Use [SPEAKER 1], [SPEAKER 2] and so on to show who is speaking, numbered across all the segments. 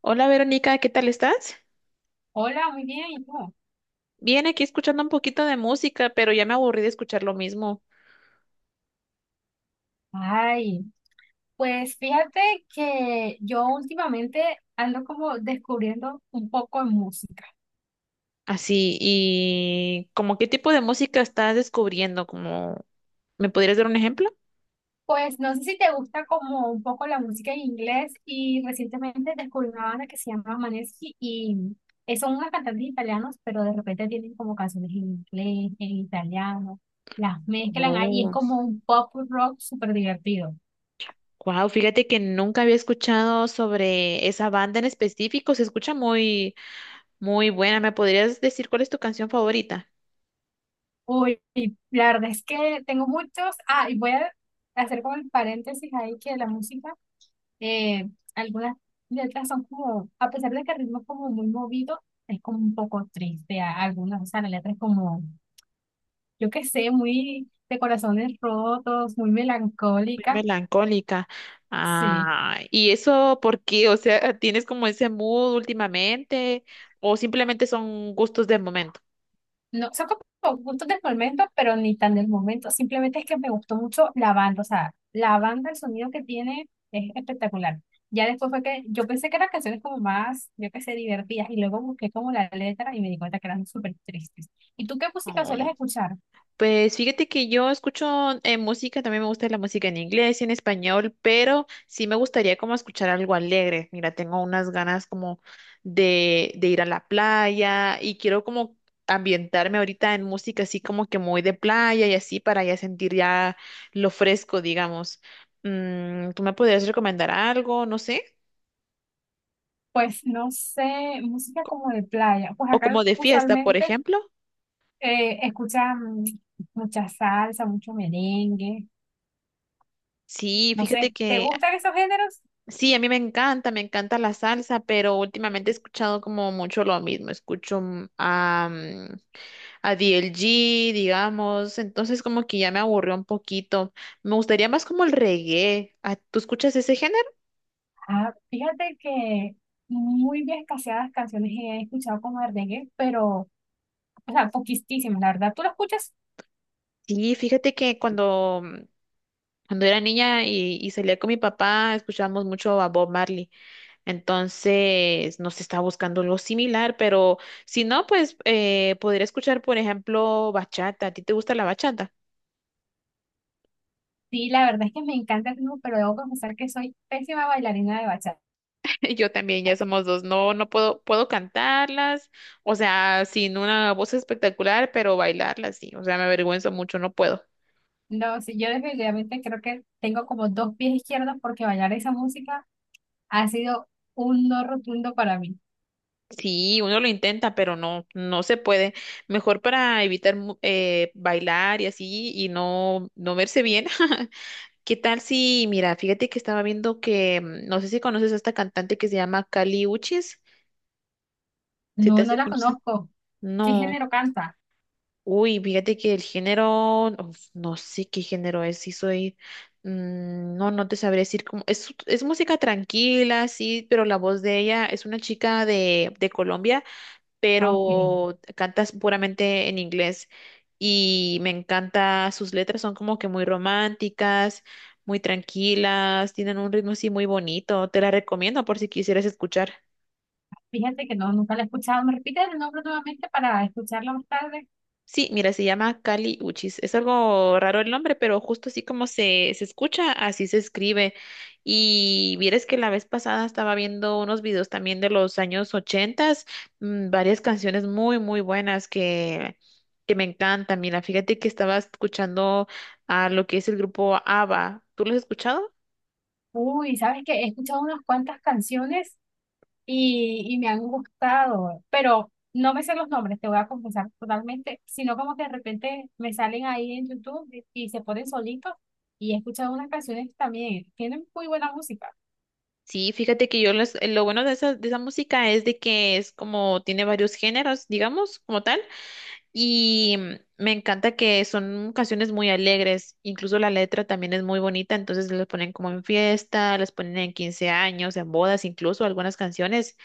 [SPEAKER 1] Hola, Verónica, ¿qué tal estás?
[SPEAKER 2] Hola, muy bien, ¿y tú?
[SPEAKER 1] Bien, aquí escuchando un poquito de música, pero ya me aburrí de escuchar lo mismo.
[SPEAKER 2] Ay, pues fíjate que yo últimamente ando como descubriendo un poco de música.
[SPEAKER 1] Así, ¿y como qué tipo de música estás descubriendo, como me podrías dar un ejemplo?
[SPEAKER 2] Pues no sé si te gusta como un poco la música en inglés y recientemente descubrí una banda que se llama Maneskin y son unos cantantes italianos, pero de repente tienen como canciones en inglés, en italiano, las mezclan ahí, es
[SPEAKER 1] Oh,
[SPEAKER 2] como un pop rock súper divertido.
[SPEAKER 1] wow, fíjate que nunca había escuchado sobre esa banda en específico, se escucha muy, muy buena. ¿Me podrías decir cuál es tu canción favorita?
[SPEAKER 2] Uy, la verdad es que tengo muchos. Ah, y voy a hacer como el paréntesis ahí que la música, eh, algunas letras son como, a pesar de que el ritmo es como muy movido, es como un poco triste. Algunas, o sea, la letra es como, yo qué sé, muy de corazones rotos, muy
[SPEAKER 1] Muy
[SPEAKER 2] melancólica.
[SPEAKER 1] melancólica.
[SPEAKER 2] Sí.
[SPEAKER 1] Ah, ¿y eso por qué? O sea, ¿tienes como ese mood últimamente o simplemente son gustos del momento?
[SPEAKER 2] No, son como puntos del momento, pero ni tan del momento. Simplemente es que me gustó mucho la banda. O sea, la banda, el sonido que tiene es espectacular. Ya después fue que yo pensé que eran canciones como más, yo qué sé, divertidas. Y luego busqué como la letra y me di cuenta que eran súper tristes. ¿Y tú qué música
[SPEAKER 1] Oh,
[SPEAKER 2] sueles escuchar?
[SPEAKER 1] pues fíjate que yo escucho música, también me gusta la música en inglés y en español, pero sí me gustaría como escuchar algo alegre. Mira, tengo unas ganas como de ir a la playa y quiero como ambientarme ahorita en música así como que muy de playa y así para ya sentir ya lo fresco, digamos. ¿Tú me podrías recomendar algo? No sé.
[SPEAKER 2] Pues no sé, música como de playa. Pues
[SPEAKER 1] O
[SPEAKER 2] acá
[SPEAKER 1] como de fiesta, por
[SPEAKER 2] usualmente
[SPEAKER 1] ejemplo.
[SPEAKER 2] escuchan mucha salsa, mucho merengue.
[SPEAKER 1] Sí,
[SPEAKER 2] No
[SPEAKER 1] fíjate
[SPEAKER 2] sé, ¿te
[SPEAKER 1] que
[SPEAKER 2] gustan esos géneros?
[SPEAKER 1] sí, a mí me encanta la salsa, pero últimamente he escuchado como mucho lo mismo. Escucho a DLG, digamos, entonces como que ya me aburrió un poquito. Me gustaría más como el reggae. Ah, ¿tú escuchas ese género?
[SPEAKER 2] Ah, fíjate que muy bien escaseadas canciones he escuchado como de reggae, pero, o sea, poquísimas, la verdad. ¿Tú lo escuchas?
[SPEAKER 1] Sí, fíjate que cuando era niña y salía con mi papá, escuchábamos mucho a Bob Marley. Entonces nos estaba buscando algo similar, pero si no, pues podría escuchar, por ejemplo, bachata. ¿A ti te gusta la bachata?
[SPEAKER 2] Sí, la verdad es que me encanta el ritmo, pero debo confesar que soy pésima bailarina de bachata.
[SPEAKER 1] Yo también, ya somos dos. No, no puedo, puedo cantarlas, o sea, sin una voz espectacular, pero bailarlas sí. O sea, me avergüenzo mucho, no puedo.
[SPEAKER 2] No, sí, yo definitivamente creo que tengo como dos pies izquierdos porque bailar esa música ha sido un no rotundo para mí.
[SPEAKER 1] Sí, uno lo intenta, pero no, no se puede. Mejor para evitar bailar y así y no, no verse bien. ¿Qué tal si, mira, fíjate que estaba viendo que no sé si conoces a esta cantante que se llama Kali Uchis, si te
[SPEAKER 2] No,
[SPEAKER 1] hace
[SPEAKER 2] no la
[SPEAKER 1] conocer?
[SPEAKER 2] conozco. ¿Qué
[SPEAKER 1] No.
[SPEAKER 2] género canta?
[SPEAKER 1] Uy, fíjate que el género, uf, no sé qué género es, no, no te sabré decir cómo, es música tranquila, sí, pero la voz de ella, es una chica de Colombia,
[SPEAKER 2] Ah, ok.
[SPEAKER 1] pero canta puramente en inglés y me encanta, sus letras son como que muy románticas, muy tranquilas, tienen un ritmo así muy bonito, te la recomiendo por si quisieras escuchar.
[SPEAKER 2] Fíjate que no, nunca la he escuchado. ¿Me repites el nombre nuevamente para escucharla más tarde?
[SPEAKER 1] Sí, mira, se llama Kali Uchis. Es algo raro el nombre, pero justo así como se escucha, así se escribe. Y vieres que la vez pasada estaba viendo unos videos también de los años ochentas, varias canciones muy, muy buenas que me encantan. Mira, fíjate que estaba escuchando a lo que es el grupo ABBA. ¿Tú lo has escuchado?
[SPEAKER 2] Uy, sabes que he escuchado unas cuantas canciones y me han gustado, pero no me sé los nombres, te voy a confesar totalmente, sino como que de repente me salen ahí en YouTube y se ponen solitos y he escuchado unas canciones que también tienen muy buena música.
[SPEAKER 1] Sí, fíjate que yo lo bueno de esa música es de que es como tiene varios géneros, digamos, como tal. Y me encanta que son canciones muy alegres, incluso la letra también es muy bonita, entonces las ponen como en fiesta, las ponen en 15 años, en bodas, incluso algunas canciones,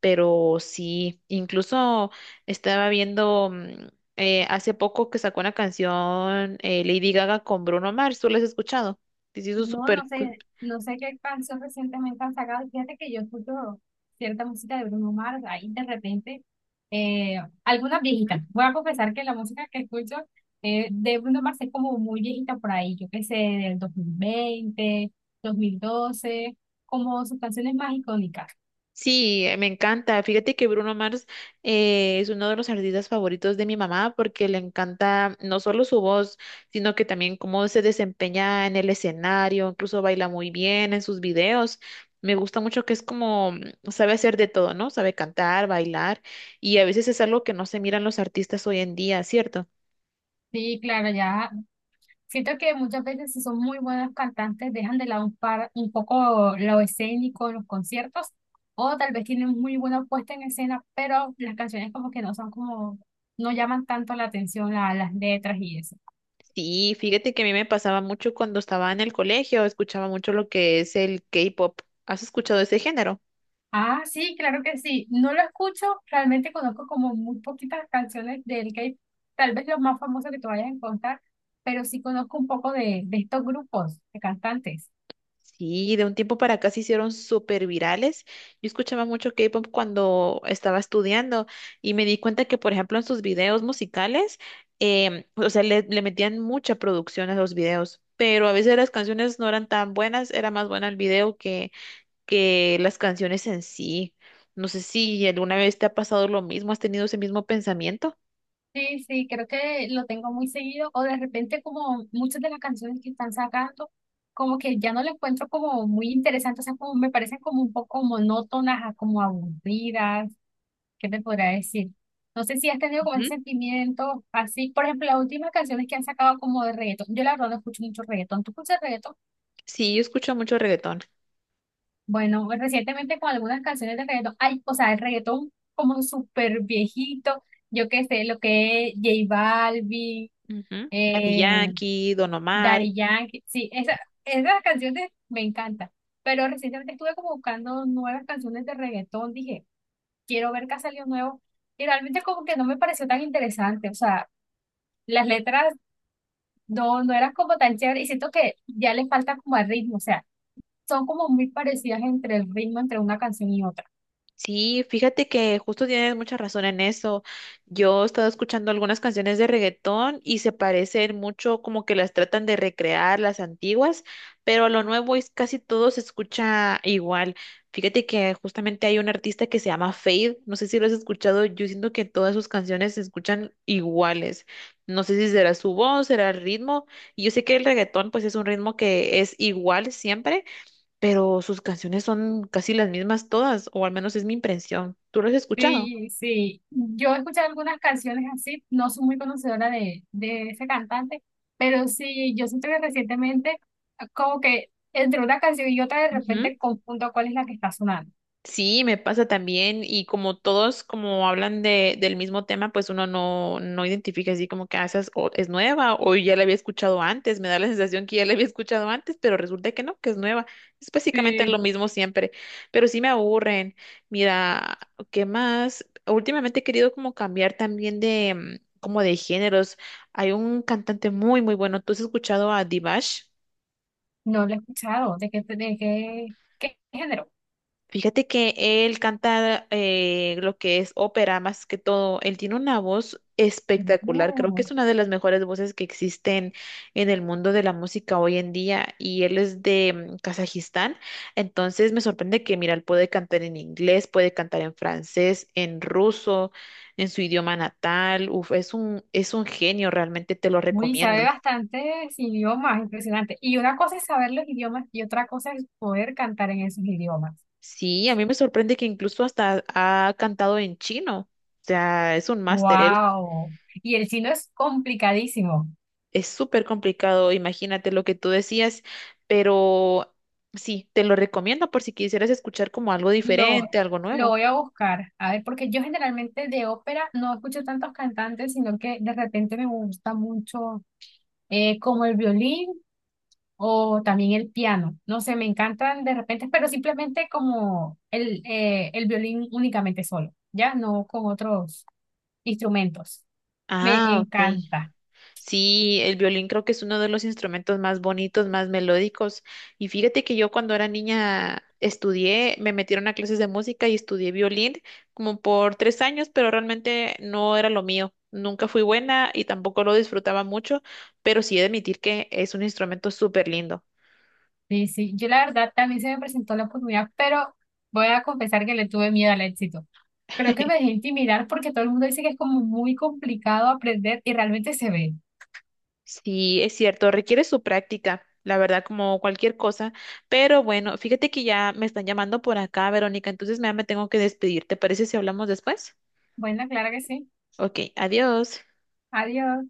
[SPEAKER 1] pero sí, incluso estaba viendo hace poco que sacó una canción Lady Gaga con Bruno Mars, ¿tú la has escuchado? Sí, se hizo
[SPEAKER 2] No, no
[SPEAKER 1] súper.
[SPEAKER 2] sé, no sé qué canción recientemente han sacado. Fíjate que yo escucho cierta música de Bruno Mars, ahí de repente, algunas viejitas. Voy a confesar que la música que escucho de Bruno Mars es como muy viejita por ahí, yo qué sé, del 2020, 2012, como sus canciones más icónicas.
[SPEAKER 1] Sí, me encanta. Fíjate que Bruno Mars es uno de los artistas favoritos de mi mamá porque le encanta no solo su voz, sino que también cómo se desempeña en el escenario, incluso baila muy bien en sus videos. Me gusta mucho que es como, mm, sabe hacer de todo, ¿no? Sabe cantar, bailar y a veces es algo que no se miran los artistas hoy en día, ¿cierto?
[SPEAKER 2] Sí, claro, ya, siento que muchas veces si son muy buenos cantantes dejan de lado un poco lo escénico en los conciertos o tal vez tienen muy buena puesta en escena, pero las canciones como que no son como, no llaman tanto la atención a las letras y eso.
[SPEAKER 1] Sí, fíjate que a mí me pasaba mucho cuando estaba en el colegio, escuchaba mucho lo que es el K-pop. ¿Has escuchado ese género?
[SPEAKER 2] Ah, sí, claro que sí. No lo escucho, realmente conozco como muy poquitas canciones del K-pop, tal vez los más famosos que tú vayas a encontrar, pero sí conozco un poco de estos grupos de cantantes.
[SPEAKER 1] Sí, de un tiempo para acá se hicieron súper virales. Yo escuchaba mucho K-pop cuando estaba estudiando y me di cuenta que, por ejemplo, en sus videos musicales, o sea, le metían mucha producción a los videos, pero a veces las canciones no eran tan buenas, era más buena el video que las canciones en sí. No sé si alguna vez te ha pasado lo mismo, has tenido ese mismo pensamiento.
[SPEAKER 2] Sí, sí, creo que lo tengo muy seguido. O de repente como muchas de las canciones que están sacando, como que ya no las encuentro como muy interesantes, o sea, como me parecen como un poco monótonas, como aburridas, ¿qué te podría decir? No sé si has tenido como ese
[SPEAKER 1] Ujú.
[SPEAKER 2] sentimiento así. Por ejemplo, las últimas canciones que han sacado como de reggaetón. Yo la verdad no escucho mucho reggaetón. ¿Tú escuchas reggaetón?
[SPEAKER 1] Sí, yo escucho mucho reggaetón.
[SPEAKER 2] Bueno, pues, recientemente con algunas canciones de reggaetón, ay, o sea, el reggaetón como súper viejito, yo qué sé, lo que es J Balvin.
[SPEAKER 1] Ujú. Daddy
[SPEAKER 2] eh,
[SPEAKER 1] Yankee, Don Omar.
[SPEAKER 2] Daddy Yankee, sí, esas canciones me encantan. Pero recientemente estuve como buscando nuevas canciones de reggaetón. Dije, quiero ver qué ha salido nuevo. Y realmente como que no me pareció tan interesante. O sea, las letras no eran como tan chéveres. Y siento que ya les falta como el ritmo. O sea, son como muy parecidas entre el ritmo entre una canción y otra.
[SPEAKER 1] Sí, fíjate que justo tienes mucha razón en eso. Yo he estado escuchando algunas canciones de reggaetón y se parecen mucho como que las tratan de recrear las antiguas, pero lo nuevo es casi todo se escucha igual. Fíjate que justamente hay un artista que se llama Fade, no sé si lo has escuchado, yo siento que todas sus canciones se escuchan iguales. No sé si será su voz, será el ritmo. Yo sé que el reggaetón pues es un ritmo que es igual siempre, pero sus canciones son casi las mismas todas, o al menos es mi impresión. ¿Tú lo has escuchado?
[SPEAKER 2] Sí, sí, yo he escuchado algunas canciones así, no soy muy conocedora de ese cantante, pero sí, yo siento que recientemente como que entre una canción y otra de
[SPEAKER 1] Ujú.
[SPEAKER 2] repente confundo cuál es la que está sonando.
[SPEAKER 1] Sí, me pasa también y como todos como hablan del mismo tema, pues uno no, no identifica así como que ah, esa es, es nueva o ya la había escuchado antes, me da la sensación que ya la había escuchado antes, pero resulta que no, que es nueva. Es básicamente lo
[SPEAKER 2] Sí.
[SPEAKER 1] mismo siempre, pero sí me aburren. Mira, ¿qué más? Últimamente he querido como cambiar también de como de géneros. Hay un cantante muy muy bueno, ¿tú has escuchado a Divash?
[SPEAKER 2] No lo he escuchado, qué género.
[SPEAKER 1] Fíjate que él canta lo que es ópera más que todo. Él tiene una voz espectacular. Creo que
[SPEAKER 2] Oh,
[SPEAKER 1] es una de las mejores voces que existen en el mundo de la música hoy en día. Y él es de Kazajistán. Entonces me sorprende que, mira, él puede cantar en inglés, puede cantar en francés, en ruso, en su idioma natal. Uf, es es un genio, realmente te lo
[SPEAKER 2] uy, sabe
[SPEAKER 1] recomiendo.
[SPEAKER 2] bastantes idiomas, impresionante. Y una cosa es saber los idiomas y otra cosa es poder cantar en esos idiomas.
[SPEAKER 1] Sí, a mí me sorprende que incluso hasta ha cantado en chino. O sea, es un máster.
[SPEAKER 2] Wow. Y el chino es complicadísimo.
[SPEAKER 1] Es súper complicado, imagínate lo que tú decías, pero sí, te lo recomiendo por si quisieras escuchar como algo diferente,
[SPEAKER 2] Lo,
[SPEAKER 1] algo
[SPEAKER 2] lo
[SPEAKER 1] nuevo.
[SPEAKER 2] voy a buscar, a ver, porque yo generalmente de ópera no escucho tantos cantantes, sino que de repente me gusta mucho como el violín o también el piano. No sé, me encantan de repente, pero simplemente como el violín únicamente solo, ya no con otros instrumentos. Me
[SPEAKER 1] Ah, ok.
[SPEAKER 2] encanta.
[SPEAKER 1] Sí, el violín creo que es uno de los instrumentos más bonitos, más melódicos. Y fíjate que yo cuando era niña estudié, me metieron a clases de música y estudié violín como por 3 años, pero realmente no era lo mío. Nunca fui buena y tampoco lo disfrutaba mucho, pero sí he de admitir que es un instrumento súper lindo.
[SPEAKER 2] Sí, sí, yo la verdad también se me presentó la oportunidad, pero voy a confesar que le tuve miedo al éxito. Creo que me dejé intimidar porque todo el mundo dice que es como muy complicado aprender y realmente se ve.
[SPEAKER 1] Sí, es cierto, requiere su práctica, la verdad, como cualquier cosa. Pero bueno, fíjate que ya me están llamando por acá, Verónica, entonces me tengo que despedir. ¿Te parece si hablamos después?
[SPEAKER 2] Bueno, claro que sí.
[SPEAKER 1] Ok, adiós.
[SPEAKER 2] Adiós.